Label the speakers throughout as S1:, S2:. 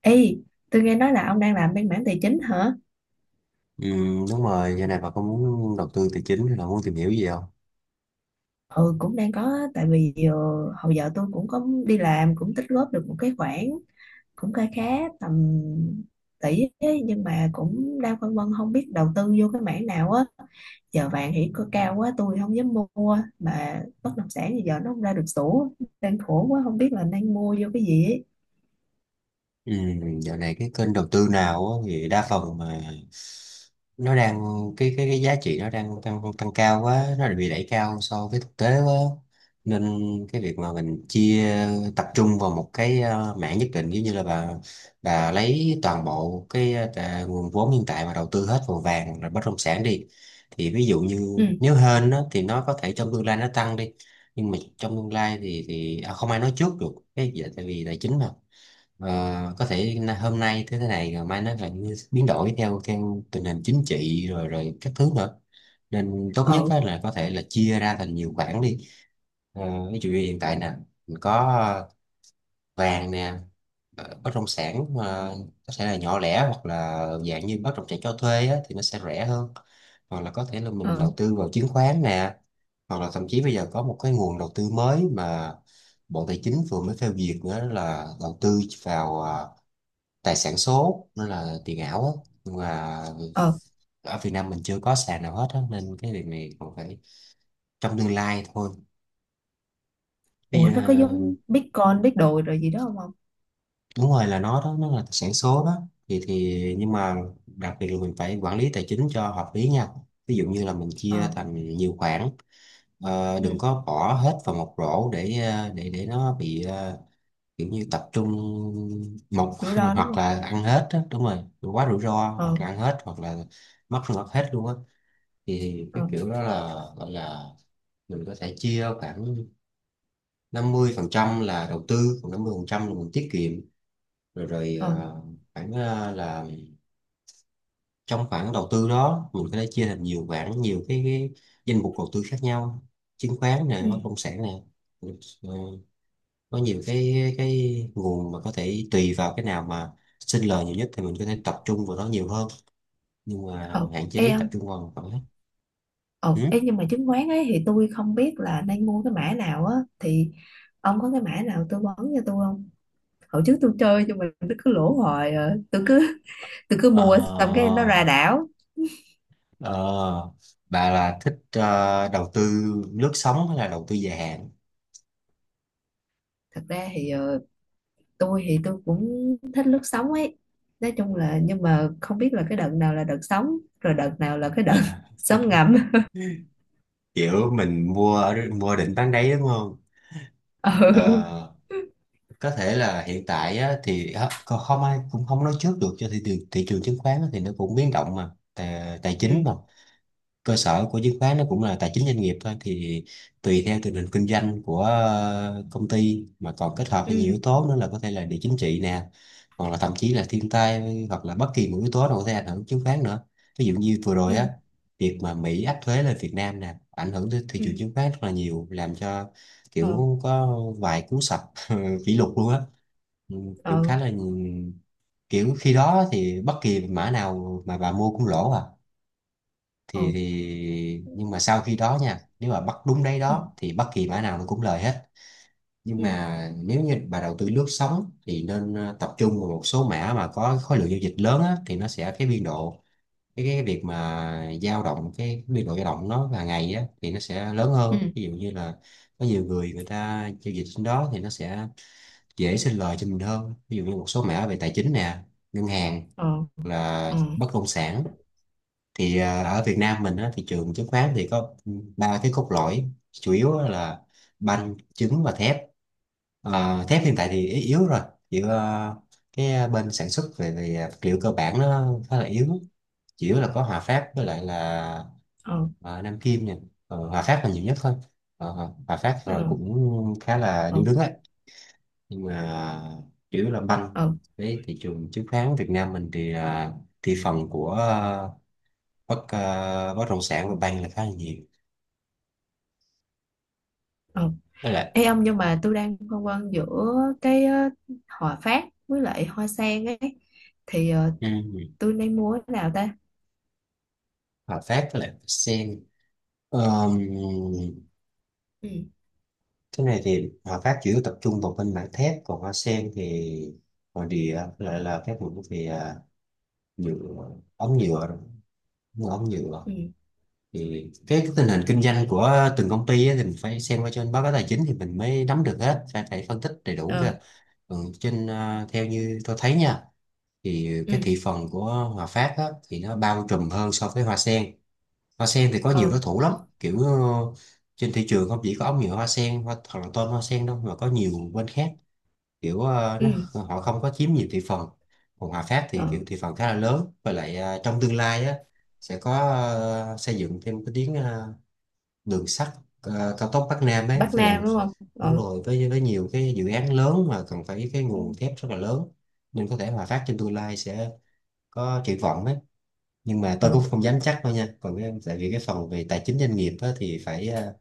S1: Ê, tôi nghe nói là ông đang làm bên mảng tài chính hả?
S2: Ừ, đúng rồi, giờ này bà có muốn đầu tư tài chính hay là muốn tìm hiểu gì không?
S1: Ừ, cũng đang có, tại vì hồi giờ tôi cũng có đi làm, cũng tích góp được một cái khoản, cũng khá khá tầm tỷ ấy, nhưng mà cũng đang phân vân không biết đầu tư vô cái mảng nào á. Giờ vàng thì có cao quá, tôi không dám mua, mà bất động sản thì giờ nó không ra được sổ, đang khổ quá, không biết là nên mua vô cái gì ấy.
S2: Ừ, dạo này cái kênh đầu tư nào á, thì đa phần mà nó đang cái giá trị nó đang tăng tăng cao quá, nó bị đẩy cao so với thực tế quá, nên cái việc mà mình tập trung vào một cái mảng nhất định, giống như là bà lấy toàn bộ cái nguồn vốn hiện tại mà đầu tư hết vào vàng rồi bất động sản đi, thì ví dụ như
S1: Ừ.
S2: nếu hên á, thì nó có thể trong tương lai nó tăng đi, nhưng mà trong tương lai thì không ai nói trước được cái dạ, tại vì tài chính mà. Ờ, có thể hôm nay thế thế này rồi mai nó lại biến đổi theo theo tình hình chính trị rồi rồi các thứ nữa, nên tốt nhất
S1: ờ,
S2: á là có thể là chia ra thành nhiều khoản đi. Ví dụ như hiện tại nè, mình có ờ, vàng nè, bất động sản mà có thể là nhỏ lẻ hoặc là dạng như bất động sản cho thuê á, thì nó sẽ rẻ hơn, hoặc là có thể là mình
S1: ờ,
S2: đầu tư vào chứng khoán nè, hoặc là thậm chí bây giờ có một cái nguồn đầu tư mới mà Bộ Tài chính vừa mới phê duyệt nữa, là đầu tư vào tài sản số, nó là tiền ảo á, nhưng mà
S1: ờ,
S2: ở Việt Nam mình chưa có sàn nào hết á, nên cái việc này còn phải trong tương lai thôi. Bây
S1: Ủa
S2: giờ
S1: nó có giống Bitcoin, biết đồ rồi gì đó không ông?
S2: đúng rồi, là nó đó, nó là tài sản số đó. Thì nhưng mà đặc biệt là mình phải quản lý tài chính cho hợp lý nha, ví dụ như là mình chia
S1: Ờ,
S2: thành nhiều khoản.
S1: ừ,
S2: Đừng có bỏ hết vào một rổ để để nó bị kiểu như tập trung một
S1: rủi ro đúng
S2: hoặc
S1: không?
S2: là ăn hết á, đúng rồi, quá rủi ro,
S1: Ờ.
S2: hoặc là ăn hết hoặc là mất mất hết luôn á, thì
S1: ờ
S2: cái kiểu đó là gọi là mình có thể chia khoảng 50% là đầu tư, còn 50% là mình tiết kiệm. Rồi rồi
S1: ờ
S2: khoảng là trong khoản đầu tư đó, mình có thể chia thành nhiều khoản, nhiều cái danh mục đầu tư khác nhau: chứng khoán nè, bất
S1: ừ.
S2: động sản nè. Ờ, có nhiều cái nguồn mà có thể tùy vào cái nào mà sinh lời nhiều nhất thì mình có thể tập trung vào đó nhiều hơn, nhưng
S1: ờ
S2: mà hạn
S1: Ê
S2: chế tập
S1: ông.
S2: trung vào một khoản hết.
S1: Ờ Ê,
S2: Ừ?
S1: nhưng mà chứng khoán ấy thì tôi không biết là nên mua cái mã nào á, thì ông có cái mã nào tư vấn cho tôi không? Hồi trước tôi chơi nhưng mà nó cứ lỗ hoài à. Tôi cứ
S2: Ờ
S1: mua xong cái nó ra đảo.
S2: Ờ, bà là thích đầu tư lướt sóng hay là đầu tư dài hạn?
S1: Thật ra thì tôi thì tôi cũng thích lướt sóng ấy, nói chung là, nhưng mà không biết là cái đợt nào là đợt sóng rồi đợt nào là cái đợt
S2: À,
S1: sóng ngầm.
S2: Kiểu mình mua đỉnh bán đáy đúng không?
S1: Ừ,
S2: Ờ, có thể là hiện tại á, thì á, không không ai cũng không nói trước được cho thị trường. Thị trường chứng khoán á thì nó cũng biến động, mà tài
S1: ừ,
S2: chính mà, cơ sở của chứng khoán nó cũng là tài chính doanh nghiệp thôi, thì tùy theo tình hình kinh doanh của công ty mà còn kết hợp với nhiều
S1: ừ,
S2: yếu tố nữa, là có thể là địa chính trị nè, hoặc là thậm chí là thiên tai, hoặc là bất kỳ một yếu tố nào có thể ảnh hưởng chứng khoán nữa. Ví dụ như vừa rồi
S1: ừ,
S2: á, việc mà Mỹ áp thuế lên Việt Nam nè, ảnh hưởng tới thị
S1: ừ,
S2: trường chứng khoán rất là nhiều, làm cho
S1: ờ,
S2: kiểu có vài cú sập kỷ lục luôn á. Ừ, kiểu
S1: ờ,
S2: khá là kiểu khi đó thì bất kỳ mã nào mà bà mua cũng lỗ à, thì
S1: ờ,
S2: thì nhưng mà sau khi đó nha, nếu mà bắt đúng đấy
S1: ừ,
S2: đó thì bất kỳ mã nào nó cũng lời hết. Nhưng
S1: ừ,
S2: mà nếu như bà đầu tư lướt sóng thì nên tập trung vào một số mã mà có khối lượng giao dịch lớn á, thì nó sẽ cái biên độ cái việc mà dao động. Cái biên độ dao động nó hàng ngày á thì nó sẽ lớn hơn, ví dụ như là có nhiều người người ta giao dịch trên đó thì nó sẽ dễ sinh lời cho mình hơn, ví dụ như một số mã về tài chính nè, ngân hàng,
S1: ừ.
S2: là
S1: Ừ,
S2: bất động sản. Thì ở Việt Nam mình á, thị trường chứng khoán thì có ba cái cốt lõi chủ yếu á, là banh, trứng và thép. Thép hiện tại thì yếu yếu rồi, chỉ cái bên sản xuất về vật liệu cơ bản nó khá là yếu, chủ yếu là có Hòa Phát với lại là
S1: ừ,
S2: ờ, Nam Kim nha. Hòa Phát là nhiều nhất thôi. Hòa Hòa Phát rồi
S1: ừ,
S2: cũng khá là điêu
S1: ừ,
S2: đứng ấy, nhưng mà chủ yếu là banh
S1: ừ,
S2: đấy. Thị trường chứng khoán Việt Nam mình thì thị phần của bất động sản của Bang là khá là nhiều.
S1: ừ.
S2: Với lại
S1: Ê ông, nhưng mà tôi đang phân vân giữa cái Hòa Phát với lại Hoa Sen ấy, thì
S2: ừ,
S1: tôi nên mua cái nào ta?
S2: Hòa Phát với lại Sen. Ờm,
S1: Ừ,
S2: cái này thì Hòa Phát chủ yếu tập trung vào bên mảng thép, còn Hoa Sen thì ngoài địa với lại là các vùng về nhựa, ống nhựa rồi, mua ống nhựa.
S1: ừ,
S2: Thì cái tình hình kinh doanh của từng công ty á, thì mình phải xem qua trên báo cáo tài chính thì mình mới nắm được hết, phải phải phân tích đầy đủ cơ.
S1: ờ,
S2: Theo như tôi thấy nha, thì cái
S1: ừ,
S2: thị phần của Hòa Phát á, thì nó bao trùm hơn so với Hoa Sen. Hoa Sen thì có nhiều
S1: ờ,
S2: đối thủ lắm, kiểu trên thị trường không chỉ có ống nhựa Hoa Sen hoặc là tôm Hoa Sen đâu, mà có nhiều bên khác, kiểu
S1: ừ,
S2: họ không có chiếm nhiều thị phần. Còn Hòa Phát thì
S1: ờ,
S2: kiểu thị phần khá là lớn, và lại trong tương lai á sẽ có xây dựng thêm cái tuyến đường sắt cao tốc Bắc Nam ấy
S1: Bắc
S2: sẽ làm,
S1: Nam đúng không?
S2: đúng
S1: Ờ,
S2: rồi, với nhiều cái dự án lớn mà cần phải cái
S1: ừ,
S2: nguồn thép rất là lớn, nên có thể Hòa Phát trên tương lai sẽ có triển vọng ấy. Nhưng mà
S1: ờ,
S2: tôi cũng không dám chắc đâu nha, còn cái, tại vì cái phần về tài chính doanh nghiệp á, thì phải à,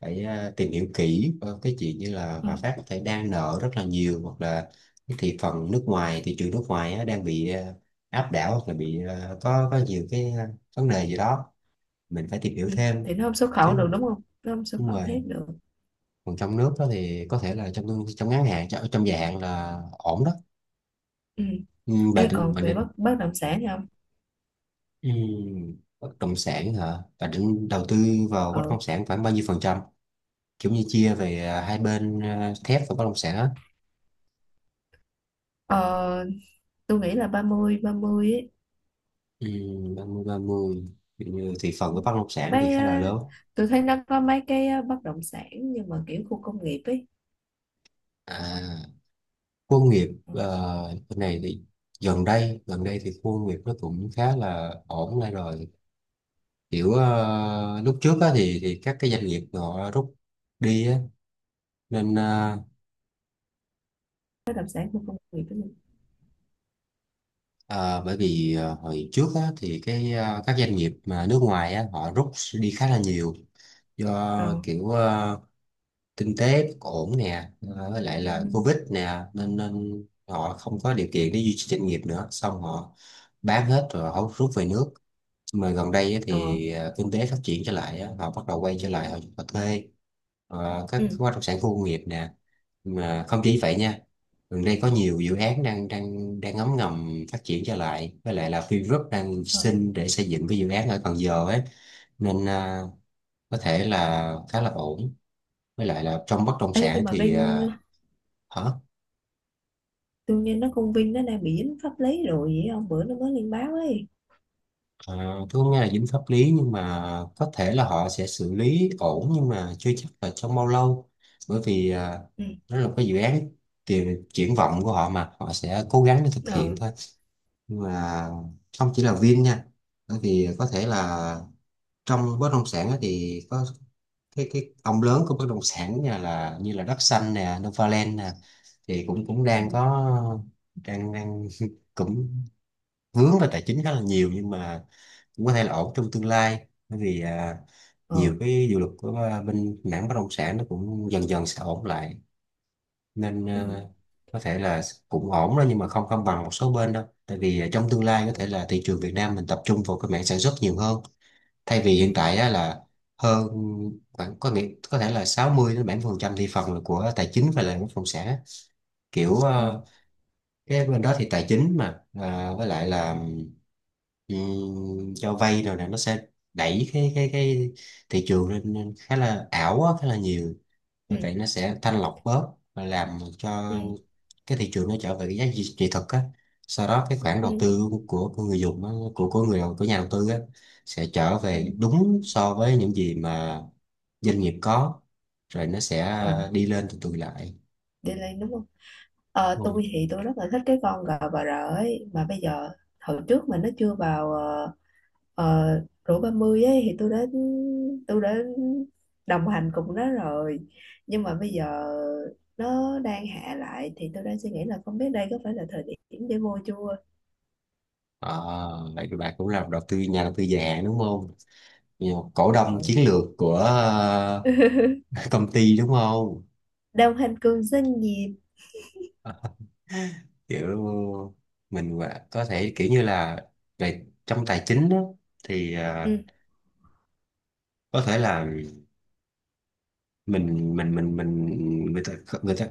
S2: phải à, tìm hiểu kỹ cái chuyện như là
S1: ừ.
S2: Hòa Phát có thể đang nợ rất là nhiều, hoặc là cái thị trường nước ngoài á, đang bị áp đảo, hoặc là bị có nhiều cái vấn đề gì đó, mình phải tìm hiểu
S1: ừ.
S2: thêm
S1: Thì nó không xuất khẩu
S2: chứ.
S1: được đúng không, nó không xuất
S2: Đúng
S1: khẩu
S2: rồi,
S1: thép được?
S2: còn trong nước đó thì có thể là trong trong ngắn hạn, trong dài hạn là ổn đó.
S1: Ừ.
S2: ừ, bà
S1: Ê
S2: định
S1: còn
S2: bà
S1: về
S2: định
S1: bất bất động sản thì không?
S2: ừ, bất động sản hả, bà định đầu tư vào bất
S1: ờ
S2: động sản khoảng bao nhiêu phần trăm, kiểu như chia về hai bên thép và bất động sản á?
S1: ờ tôi nghĩ là 30 30 ấy.
S2: Ừ, 30 30. Ví dụ như thị phần của bất động sản thì
S1: Mấy
S2: khá là lớn.
S1: tôi thấy nó có mấy cái bất động sản nhưng mà kiểu khu công nghiệp ấy.
S2: à, khu công nghiệp
S1: Ừ.
S2: bên này thì gần đây thì khu công nghiệp nó cũng khá là ổn lại rồi, kiểu lúc trước á, thì các cái doanh nghiệp họ rút đi á, nên
S1: Bất động sản khu công nghiệp ấy.
S2: ờ, bởi vì hồi trước á, thì cái các doanh nghiệp mà nước ngoài á, họ rút đi khá là nhiều,
S1: ờ
S2: do kiểu kinh tế bất ổn nè, với lại là
S1: ừ.
S2: Covid nè, nên nên họ không có điều kiện để duy trì doanh nghiệp nữa, xong họ bán hết rồi họ rút về nước. Mà gần đây á
S1: ờ
S2: thì kinh tế phát triển trở lại á, họ bắt đầu quay trở lại, họ thuê các
S1: ừ.
S2: bất động sản khu công nghiệp nè. Mà không chỉ
S1: Ờ.
S2: vậy nha, gần đây có nhiều dự án đang đang đang ngấm ngầm phát triển trở lại, với lại là Vingroup đang
S1: Ờ.
S2: xin để xây dựng cái dự án ở Cần Giờ ấy, nên có thể là khá là ổn. Với lại là trong bất động
S1: Ê,
S2: sản
S1: nhưng mà
S2: thì
S1: bên
S2: hả,
S1: tôi nghe nó công Vinh nó đang bị dính pháp lý rồi, vậy ông, bữa nó mới lên báo ấy.
S2: à, tôi không nghe là dính pháp lý, nhưng mà có thể là họ sẽ xử lý ổn, nhưng mà chưa chắc là trong bao lâu, bởi vì
S1: Ừ.
S2: đó là một cái dự án tiền triển vọng của họ mà họ sẽ cố gắng để thực hiện
S1: ờ
S2: thôi. Nhưng mà không chỉ là Vin nha, bởi vì có thể là trong bất động sản á thì có cái ông lớn của bất động sản nha, là như là Đất Xanh nè, Novaland nè thì cũng cũng
S1: ừ.
S2: đang có, đang đang cũng vướng vào tài chính khá là nhiều, nhưng mà cũng có thể là ổn trong tương lai. Bởi vì
S1: ờ
S2: nhiều cái dự luật của bên mảng bất động sản nó cũng dần dần sẽ ổn lại, nên
S1: ừ.
S2: có thể là cũng ổn đó, nhưng mà không không bằng một số bên đâu. Tại vì trong tương lai có
S1: Ừ.
S2: thể là thị trường Việt Nam mình tập trung vào cái mảng sản xuất nhiều hơn. Thay vì
S1: Ừ.
S2: hiện tại á, là hơn khoảng, có nghĩa có thể là 60 đến 70 phần trăm thị phần là của tài chính và là bất động sản, kiểu à,
S1: Ừ.
S2: cái bên đó thì tài chính mà với lại là cho vay rồi nè, nó sẽ đẩy cái thị trường lên lên khá là ảo á, khá là nhiều.
S1: Ừ.
S2: Bởi vậy nó sẽ thanh lọc bớt và làm cho
S1: Ừ.
S2: cái thị trường nó trở về cái giá trị trị thực á, sau đó cái khoản đầu
S1: Ừ.
S2: tư của người dùng á, của của nhà đầu tư á sẽ trở
S1: Ừ.
S2: về đúng so với những gì mà doanh nghiệp có, rồi nó sẽ
S1: ờ
S2: đi lên từ từ lại.
S1: Delay đúng. Ờ, tôi
S2: Ừ.
S1: thì tôi rất là thích cái con gà bà rợ ấy, mà bây giờ hồi trước mà nó chưa vào ờ, rổ 30 ấy thì tôi đã tôi đã đồng hành cùng nó rồi, nhưng mà bây giờ nó đang hạ lại thì tôi đang suy nghĩ là không biết đây có phải là thời điểm để mua chưa.
S2: À, vậy thì bà cũng là đầu tư nhà đầu tư già đúng không? Cổ đông
S1: Ừ.
S2: chiến lược của công ty đúng không?
S1: Đồng hành cùng doanh nghiệp.
S2: Kiểu có thể kiểu như là về trong tài chính đó, thì
S1: Ừ.
S2: có thể là mình người ta người ta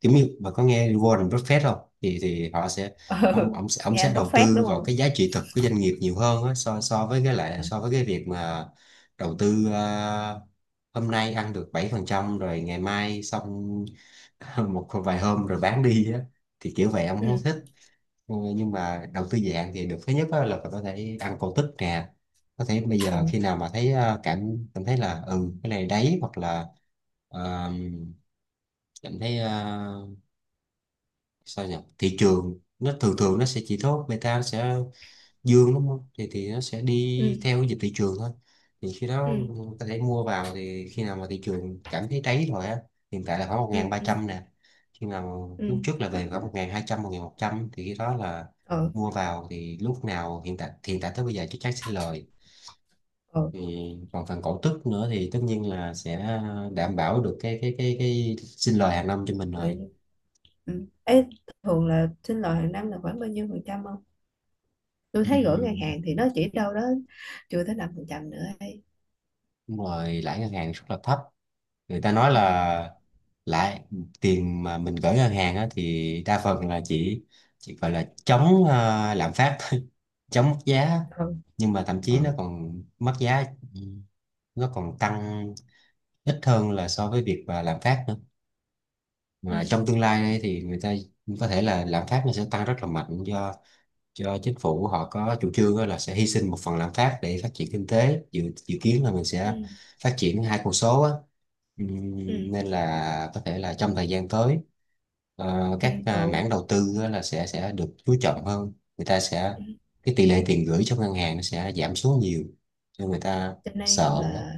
S2: kiểu như, bà có nghe Warren Buffett không? Thì họ sẽ,
S1: Ờ,
S2: ông sẽ ông
S1: nghe
S2: sẽ
S1: anh bộc
S2: đầu
S1: phát
S2: tư
S1: đúng
S2: vào
S1: không?
S2: cái giá trị thực của doanh nghiệp nhiều hơn á, so so với cái lại
S1: Ừ.
S2: so với cái việc mà đầu tư hôm nay ăn được 7% rồi ngày mai xong một vài hôm rồi bán đi á, thì kiểu vậy ông không
S1: Ừ.
S2: thích. Ừ, nhưng mà đầu tư dạng thì được, thứ nhất á là có thể ăn cổ tức nè, có thể bây giờ
S1: Ừ.
S2: khi nào mà thấy cảm cảm thấy là ừ cái này đấy, hoặc là ờ, cảm thấy sao nhỉ, thị trường nó thường thường nó sẽ chỉ tốt, beta nó sẽ dương đúng không, thì nó sẽ
S1: Ừ.
S2: đi theo cái dịch thị trường thôi, thì khi đó
S1: Ừ.
S2: ta để mua vào. Thì khi nào mà thị trường cảm thấy đáy rồi á, hiện tại là khoảng một
S1: Ừ.
S2: ngàn ba trăm nè, khi nào
S1: Ừ.
S2: lúc trước là về khoảng 1.200, 1.100, thì khi đó là
S1: Ừ.
S2: mua vào, thì lúc nào hiện tại tới bây giờ chắc chắn sẽ lời. Thì còn phần cổ tức nữa thì tất nhiên là sẽ đảm bảo được cái sinh lời hàng năm cho mình
S1: Ừ.
S2: rồi.
S1: Ừ. Ê, thường là sinh lời hàng năm là khoảng bao nhiêu phần trăm không? Tôi
S2: Ừ.
S1: thấy gửi ngân hàng thì nó chỉ đâu đó chưa tới 5% nữa ấy.
S2: Đúng rồi, lãi ngân hàng rất là thấp. Người ta nói
S1: Ừ.
S2: là lãi tiền mà mình gửi ngân hàng á, thì đa phần là chỉ gọi là chống lạm phát, chống mất giá,
S1: Ừ.
S2: nhưng mà thậm chí nó
S1: Ừ.
S2: còn mất giá, nó còn tăng ít hơn là so với việc mà lạm phát nữa.
S1: Ừ.
S2: Mà trong tương lai đây thì người ta có thể là lạm phát nó sẽ tăng rất là mạnh, do chính phủ họ có chủ trương á là sẽ hy sinh một phần lạm phát để phát triển kinh tế, dự dự kiến là mình sẽ
S1: Ừ.
S2: phát triển hai con số á.
S1: Ừ.
S2: Nên là có thể là trong thời gian tới,
S1: Cho,
S2: các
S1: ừ.
S2: mảng đầu tư á là sẽ được chú trọng hơn, người ta sẽ,
S1: Ừ.
S2: cái tỷ lệ tiền gửi trong ngân hàng nó sẽ giảm xuống nhiều cho người ta
S1: Cho nên
S2: sợ á.
S1: là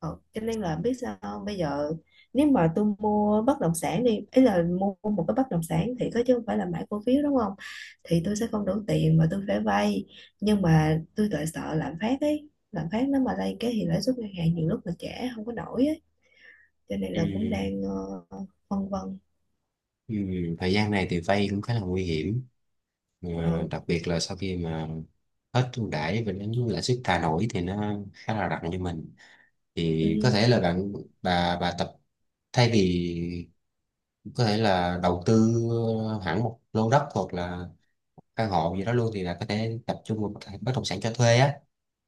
S1: ừ. Cho nên là biết sao không? Bây giờ nếu mà tôi mua bất động sản, đi ý là mua một cái bất động sản thì có chứ không phải là买cổ phiếu đúng không? Thì tôi sẽ không đủ tiền mà tôi phải vay, nhưng mà tôi lại sợ lạm phát ấy, lạm phát nó mà lên cái thì lãi suất ngân hàng nhiều lúc là trẻ không có nổi á. Cho nên là cũng
S2: Ừm,
S1: đang phân vân.
S2: Thời gian này thì vay cũng khá là nguy hiểm. Mà
S1: Ừ,
S2: đặc biệt là sau khi mà hết ưu đãi và đến lãi suất thả nổi thì nó khá là nặng cho mình. Thì có thể là bà tập, thay vì có thể là đầu tư hẳn một lô đất hoặc là căn hộ gì đó luôn, thì là có thể tập trung vào bất bất động sản cho thuê á.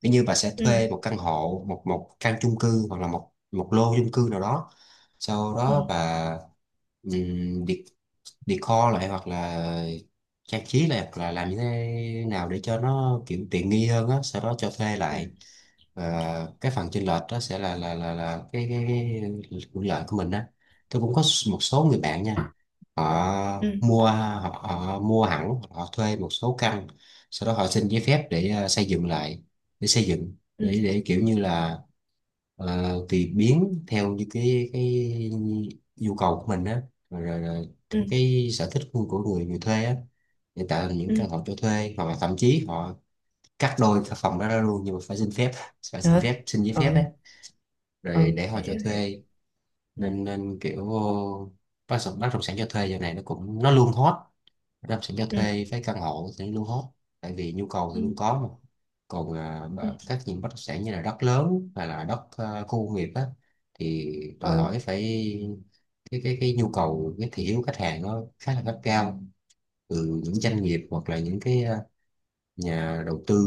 S2: Ví như bà sẽ
S1: ừ,
S2: thuê một căn hộ, một một căn chung cư, hoặc là một một lô chung cư nào đó, sau
S1: ừ,
S2: đó bà um, decor lại hoặc là trang trí, là làm như thế nào để cho nó kiểu tiện nghi hơn á, sau đó cho thuê lại.
S1: ừ,
S2: Và cái phần chênh lệch đó sẽ là cái hưởng lợi của mình á. Tôi cũng có một số người bạn nha,
S1: ừ,
S2: họ mua hẳn, họ thuê một số căn, sau đó họ xin giấy phép để xây dựng lại, để xây dựng
S1: ừ,
S2: để kiểu như là tùy biến theo như cái nhu cầu của mình á, rồi
S1: ừ,
S2: theo
S1: ừ,
S2: cái sở thích của người người thuê á. Hiện tại là những
S1: ừ,
S2: căn hộ cho thuê, hoặc là thậm chí họ cắt đôi cái phòng đó ra luôn, nhưng mà phải xin phép, phải xin
S1: hả,
S2: phép xin giấy phép
S1: ờ,
S2: đấy,
S1: ờ,
S2: rồi để họ cho
S1: hiểu hiểu,
S2: thuê.
S1: ừ,
S2: Nên nên kiểu bất động sản cho thuê giờ này nó cũng nó luôn hot. Bất động sản cho
S1: ừ,
S2: thuê với căn hộ thì nó luôn hot, tại vì nhu cầu thì
S1: ừ,
S2: luôn có mà. Còn
S1: ừ,
S2: những bất động sản như là đất lớn hay là đất khu công nghiệp á, thì đòi
S1: ờ,
S2: hỏi phải, cái nhu cầu cái thị hiếu khách hàng nó khá là gắt gao từ những
S1: ừ,
S2: doanh nghiệp hoặc là những cái nhà đầu tư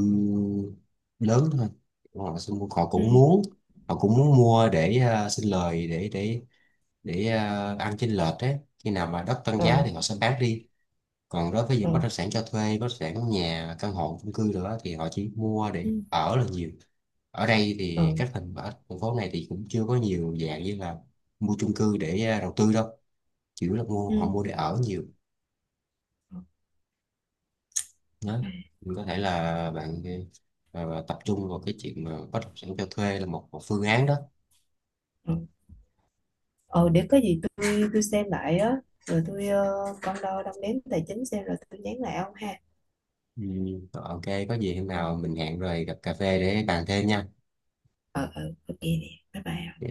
S2: lớn thôi. Họ
S1: ừ,
S2: cũng muốn, họ cũng muốn mua để xin lời, để ăn chênh lệch đấy, khi nào mà đất tăng giá
S1: ờ,
S2: thì họ sẽ bán đi. Còn đối với những
S1: ờ,
S2: bất động sản cho thuê, bất động sản nhà căn hộ chung cư nữa, thì họ chỉ mua để
S1: ừ,
S2: ở là nhiều. Ở đây
S1: ờ,
S2: thì các thành ở thành phố này thì cũng chưa có nhiều dạng như là mua chung cư để đầu tư đâu, chỉ là họ
S1: ừ,
S2: mua để ở nhiều.
S1: ờ,
S2: Đó.
S1: ừ.
S2: Mình có thể là bạn tập trung vào cái chuyện mà bất động sản cho thuê là một phương án đó.
S1: Ờ. Ờ, để có gì tôi xem lại á, rồi tôi con đo đong đếm tài chính xem rồi tôi nhắn lại ông ha.
S2: Ừ. Rồi, OK, có gì hôm
S1: ờ
S2: nào mình hẹn rồi gặp cà phê để bàn thêm nha.
S1: ờ, ok nè. Bye bye.